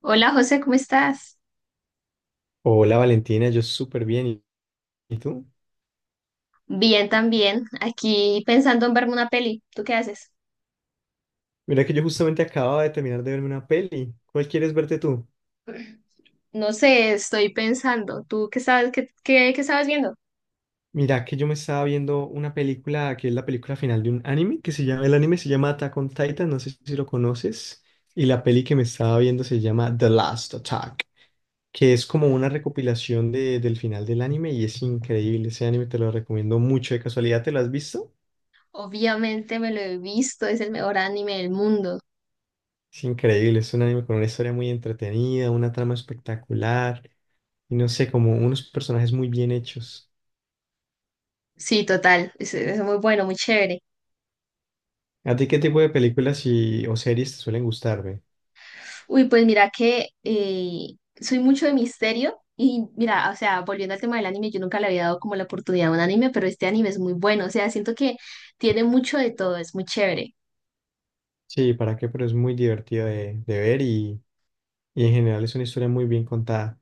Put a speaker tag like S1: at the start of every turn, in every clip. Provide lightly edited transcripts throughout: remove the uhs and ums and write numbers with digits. S1: Hola José, ¿cómo estás?
S2: Hola Valentina, yo súper bien. ¿Y tú?
S1: Bien también, aquí pensando en verme una peli. ¿Tú qué haces?
S2: Mira que yo justamente acababa de terminar de verme una peli. ¿Cuál quieres verte tú?
S1: No sé, estoy pensando. ¿Tú qué sabes, qué estabas viendo?
S2: Mira que yo me estaba viendo una película que es la película final de un anime que se llama, el anime se llama Attack on Titan, no sé si lo conoces. Y la peli que me estaba viendo se llama The Last Attack, que es como una recopilación del final del anime y es increíble. Ese anime te lo recomiendo mucho. ¿De casualidad te lo has visto?
S1: Obviamente me lo he visto, es el mejor anime del mundo.
S2: Es increíble, es un anime con una historia muy entretenida, una trama espectacular y no sé, como unos personajes muy bien hechos.
S1: Sí, total, es muy bueno, muy chévere.
S2: ¿A ti qué tipo de películas y, o series te suelen gustar, ve?
S1: Uy, pues mira que soy mucho de misterio y mira, o sea, volviendo al tema del anime, yo nunca le había dado como la oportunidad a un anime, pero este anime es muy bueno, o sea, siento que tiene mucho de todo, es muy chévere.
S2: Sí, ¿para qué? Pero es muy divertido de ver y en general es una historia muy bien contada.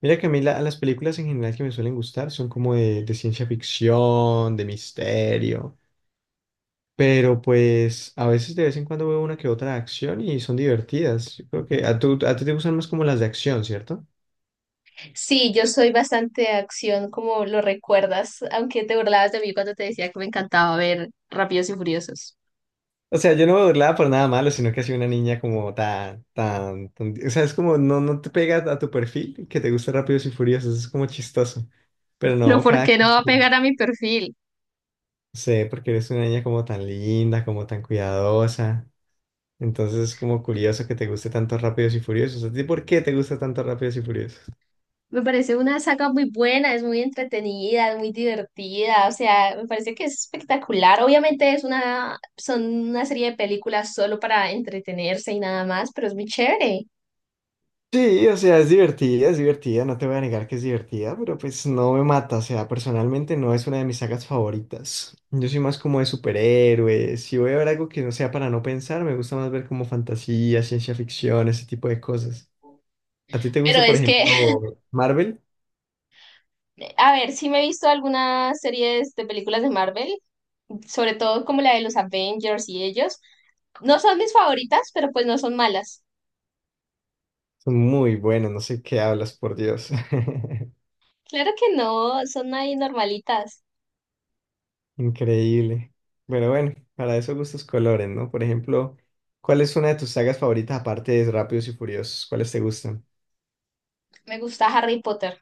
S2: Mira que a mí las películas en general que me suelen gustar son como de ciencia ficción, de misterio, pero pues a veces de vez en cuando veo una que otra de acción y son divertidas. Yo creo que a ti te gustan más como las de acción, ¿cierto?
S1: Sí, yo soy bastante de acción, como lo recuerdas, aunque te burlabas de mí cuando te decía que me encantaba ver Rápidos y Furiosos.
S2: O sea, yo no me burlaba por nada malo, sino que ha sido una niña como O sea, es como no, no te pega a tu perfil que te gusta Rápidos y Furiosos, es como chistoso. Pero
S1: Pero
S2: no,
S1: ¿por
S2: cada...
S1: qué no va a pegar a mi perfil?
S2: sé, porque eres una niña como tan linda, como tan cuidadosa. Entonces es como curioso que te guste tanto Rápidos y Furiosos. ¿A ti por qué te gusta tanto Rápidos y Furiosos?
S1: Me parece una saga muy buena, es muy entretenida, es muy divertida, o sea, me parece que es espectacular. Obviamente es una, son una serie de películas solo para entretenerse y nada más, pero es muy chévere.
S2: Sí, o sea, es divertida, no te voy a negar que es divertida, pero pues no me mata, o sea, personalmente no es una de mis sagas favoritas. Yo soy más como de superhéroes, si voy a ver algo que no sea para no pensar, me gusta más ver como fantasía, ciencia ficción, ese tipo de cosas. ¿A ti te
S1: Pero
S2: gusta, por
S1: es que,
S2: ejemplo, Marvel?
S1: a ver, sí me he visto algunas series de películas de Marvel sobre todo como la de los Avengers y ellos. No son mis favoritas, pero pues no son malas.
S2: Son muy buenos, no sé qué hablas, por Dios.
S1: Claro que no, son ahí normalitas.
S2: Increíble. Bueno, bueno, para eso gustos colores, ¿no? Por ejemplo, ¿cuál es una de tus sagas favoritas aparte de Rápidos y Furiosos? ¿Cuáles te gustan?
S1: Me gusta Harry Potter.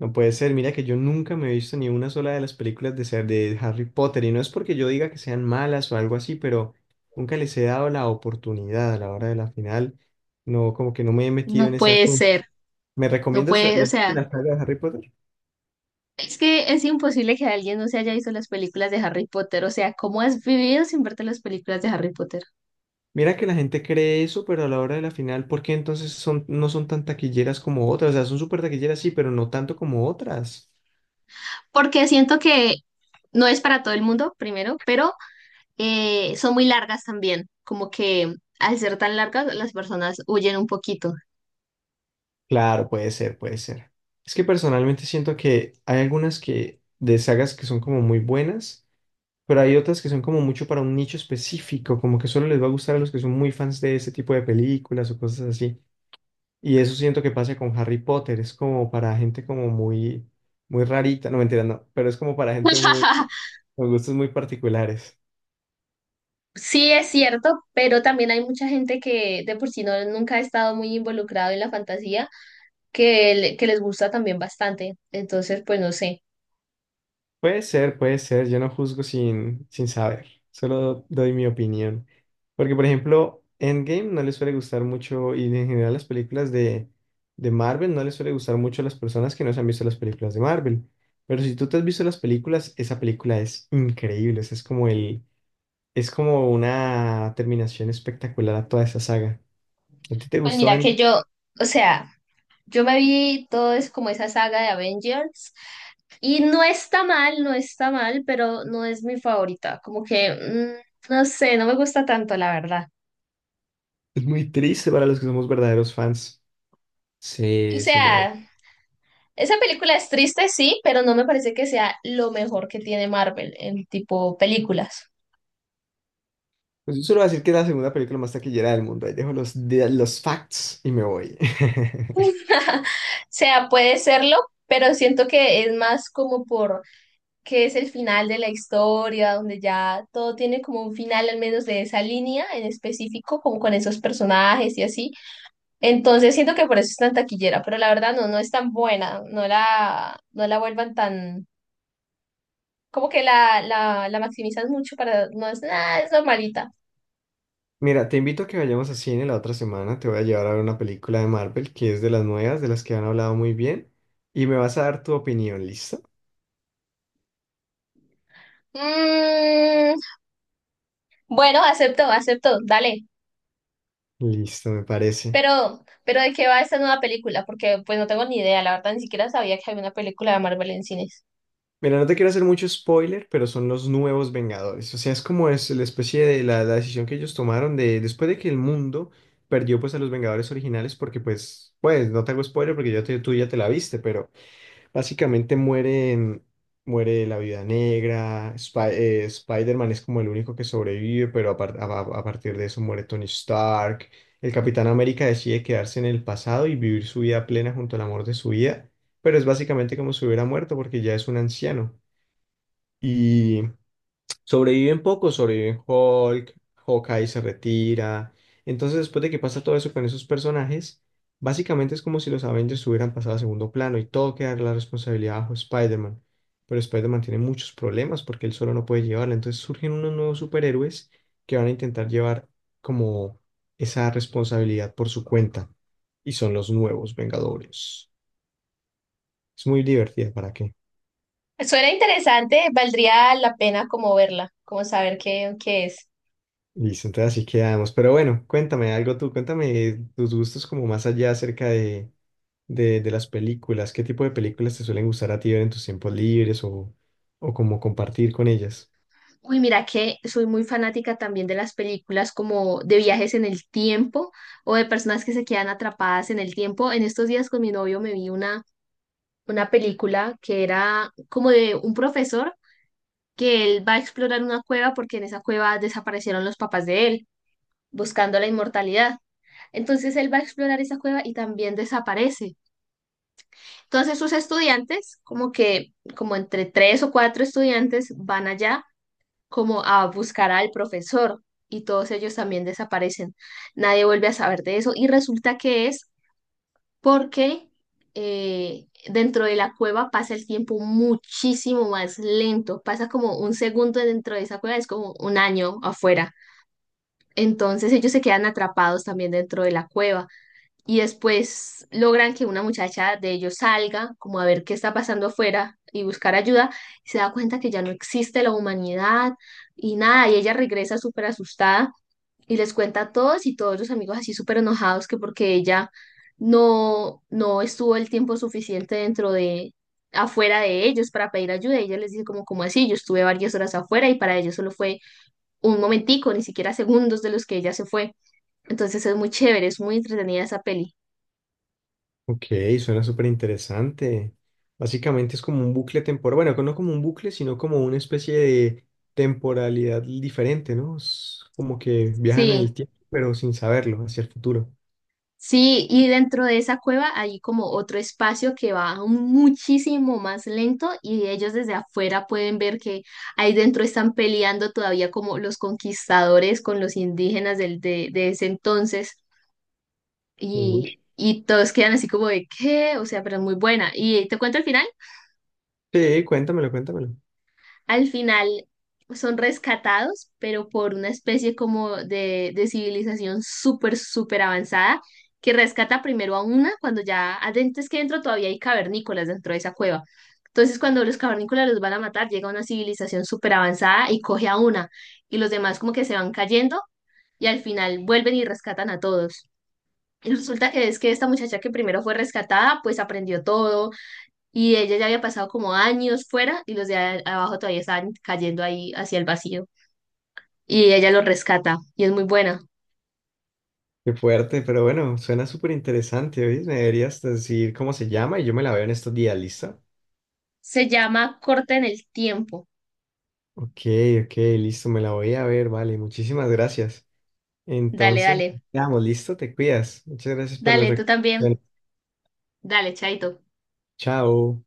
S2: No puede ser, mira que yo nunca me he visto ni una sola de las películas de Harry Potter y no es porque yo diga que sean malas o algo así, pero nunca les he dado la oportunidad a la hora de la final. No, como que no me he metido en
S1: No
S2: ese
S1: puede
S2: asunto.
S1: ser,
S2: ¿Me
S1: no
S2: recomiendas
S1: puede, o
S2: la,
S1: sea,
S2: la saga de Harry Potter?
S1: es que es imposible que alguien no se haya visto las películas de Harry Potter, o sea, ¿cómo has vivido sin verte las películas de Harry Potter?
S2: Mira que la gente cree eso, pero a la hora de la final, ¿por qué entonces no son tan taquilleras como otras? O sea, son súper taquilleras, sí, pero no tanto como otras.
S1: Porque siento que no es para todo el mundo, primero, pero son muy largas también, como que al ser tan largas las personas huyen un poquito.
S2: Claro, puede ser, puede ser. Es que personalmente siento que hay algunas que de sagas que son como muy buenas pero hay otras que son como mucho para un nicho específico, como que solo les va a gustar a los que son muy fans de ese tipo de películas o cosas así. Y eso siento que pasa con Harry Potter, es como para gente como muy, muy rarita, no mentira, no, pero es como para gente muy, con gustos muy particulares.
S1: Sí, es cierto, pero también hay mucha gente que de por sí no, nunca ha estado muy involucrado en la fantasía, que, que les gusta también bastante. Entonces, pues no sé.
S2: Puede ser, yo no juzgo sin saber, solo doy mi opinión. Porque, por ejemplo, Endgame no le suele gustar mucho, y en general las películas de Marvel no les suele gustar mucho a las personas que no se han visto las películas de Marvel. Pero si tú te has visto las películas, esa película es increíble, o sea, es como una terminación espectacular a toda esa saga. ¿A ti te
S1: Pues
S2: gustó
S1: mira que
S2: Endgame?
S1: yo, o sea, yo me vi todo es como esa saga de Avengers y no está mal, no está mal, pero no es mi favorita. Como que, mm, no sé, no me gusta tanto, la verdad.
S2: Es muy triste para los que somos verdaderos fans.
S1: O
S2: Se muere.
S1: sea, esa película es triste, sí, pero no me parece que sea lo mejor que tiene Marvel en tipo películas.
S2: Pues yo solo voy a decir que es la segunda película más taquillera del mundo. Ahí dejo los facts y me voy.
S1: O sea, puede serlo, pero siento que es más como por que es el final de la historia, donde ya todo tiene como un final, al menos de esa línea en específico, como con esos personajes y así. Entonces siento que por eso es tan taquillera, pero la verdad no, no es tan buena, no la vuelvan tan, como que la maximizan mucho para, no es nada, es normalita.
S2: Mira, te invito a que vayamos a cine la otra semana. Te voy a llevar a ver una película de Marvel que es de las nuevas, de las que han hablado muy bien. Y me vas a dar tu opinión, ¿listo?
S1: Mm, bueno, acepto, acepto, dale.
S2: Listo, me parece.
S1: Pero ¿de qué va esta nueva película? Porque pues no tengo ni idea, la verdad ni siquiera sabía que había una película de Marvel en cines.
S2: Mira, no te quiero hacer mucho spoiler, pero son los nuevos Vengadores. O sea, es como es la especie de la decisión que ellos tomaron de después de que el mundo perdió pues a los Vengadores originales, porque no te hago spoiler porque tú ya te la viste, pero... Básicamente mueren, muere la Viuda Negra, Spider-Man es como el único que sobrevive, pero a partir de eso muere Tony Stark. El Capitán América decide quedarse en el pasado y vivir su vida plena junto al amor de su vida, pero es básicamente como si hubiera muerto porque ya es un anciano. Sobreviven pocos, sobreviven Hulk, Hawkeye se retira. Entonces, después de que pasa todo eso con esos personajes, básicamente es como si los Avengers hubieran pasado a segundo plano y todo queda la responsabilidad bajo Spider-Man. Pero Spider-Man tiene muchos problemas porque él solo no puede llevarla. Entonces surgen unos nuevos superhéroes que van a intentar llevar como esa responsabilidad por su cuenta. Y son los nuevos Vengadores. Es muy divertida, ¿para qué?
S1: Suena interesante, valdría la pena como verla, como saber qué es.
S2: Listo, entonces así quedamos. Pero bueno, cuéntame algo tú, cuéntame tus gustos como más allá acerca de las películas. ¿Qué tipo de películas te suelen gustar a ti ver en tus tiempos libres o como compartir con ellas?
S1: Uy, mira que soy muy fanática también de las películas como de viajes en el tiempo o de personas que se quedan atrapadas en el tiempo. En estos días con mi novio me vi una película que era como de un profesor que él va a explorar una cueva porque en esa cueva desaparecieron los papás de él, buscando la inmortalidad. Entonces él va a explorar esa cueva y también desaparece. Entonces sus estudiantes, como que, como entre tres o cuatro estudiantes, van allá como a buscar al profesor y todos ellos también desaparecen. Nadie vuelve a saber de eso y resulta que es porque dentro de la cueva pasa el tiempo muchísimo más lento. Pasa como un segundo dentro de esa cueva, es como un año afuera. Entonces ellos se quedan atrapados también dentro de la cueva y después logran que una muchacha de ellos salga como a ver qué está pasando afuera y buscar ayuda y se da cuenta que ya no existe la humanidad y nada, y ella regresa súper asustada y les cuenta a todos y todos los amigos así súper enojados que porque ella no estuvo el tiempo suficiente afuera de ellos para pedir ayuda. Y ella les dice como, ¿como así? Yo estuve varias horas afuera y para ellos solo fue un momentico, ni siquiera segundos de los que ella se fue. Entonces es muy chévere, es muy entretenida esa peli.
S2: Ok, suena súper interesante. Básicamente es como un bucle temporal, bueno, no como un bucle, sino como una especie de temporalidad diferente, ¿no? Es como que viajan en
S1: Sí.
S2: el tiempo, pero sin saberlo, hacia el futuro.
S1: Sí, y dentro de esa cueva hay como otro espacio que va muchísimo más lento y ellos desde afuera pueden ver que ahí dentro están peleando todavía como los conquistadores con los indígenas de ese entonces
S2: Uy.
S1: y todos quedan así como de ¿qué? O sea, pero es muy buena. ¿Y te cuento el final?
S2: Sí, cuéntamelo, cuéntamelo.
S1: Al final son rescatados, pero por una especie como de civilización súper, súper avanzada, que rescata primero a una cuando ya adentro es que dentro todavía hay cavernícolas dentro de esa cueva. Entonces, cuando los cavernícolas los van a matar, llega una civilización súper avanzada y coge a una, y los demás como que se van cayendo y al final vuelven y rescatan a todos. Y resulta que es que esta muchacha que primero fue rescatada, pues aprendió todo, y ella ya había pasado como años fuera y los de abajo todavía estaban cayendo ahí hacia el vacío. Y ella los rescata y es muy buena.
S2: Qué fuerte, pero bueno, suena súper interesante, ¿oís? Me deberías decir cómo se llama y yo me la veo en estos días, ¿listo?
S1: Se llama Corta en el tiempo.
S2: Ok, ok, listo, me la voy a ver, vale, muchísimas gracias.
S1: Dale,
S2: Entonces,
S1: dale.
S2: quedamos, listo, te cuidas. Muchas gracias por las
S1: Dale, tú también.
S2: recomendaciones.
S1: Dale, chaito.
S2: Chao.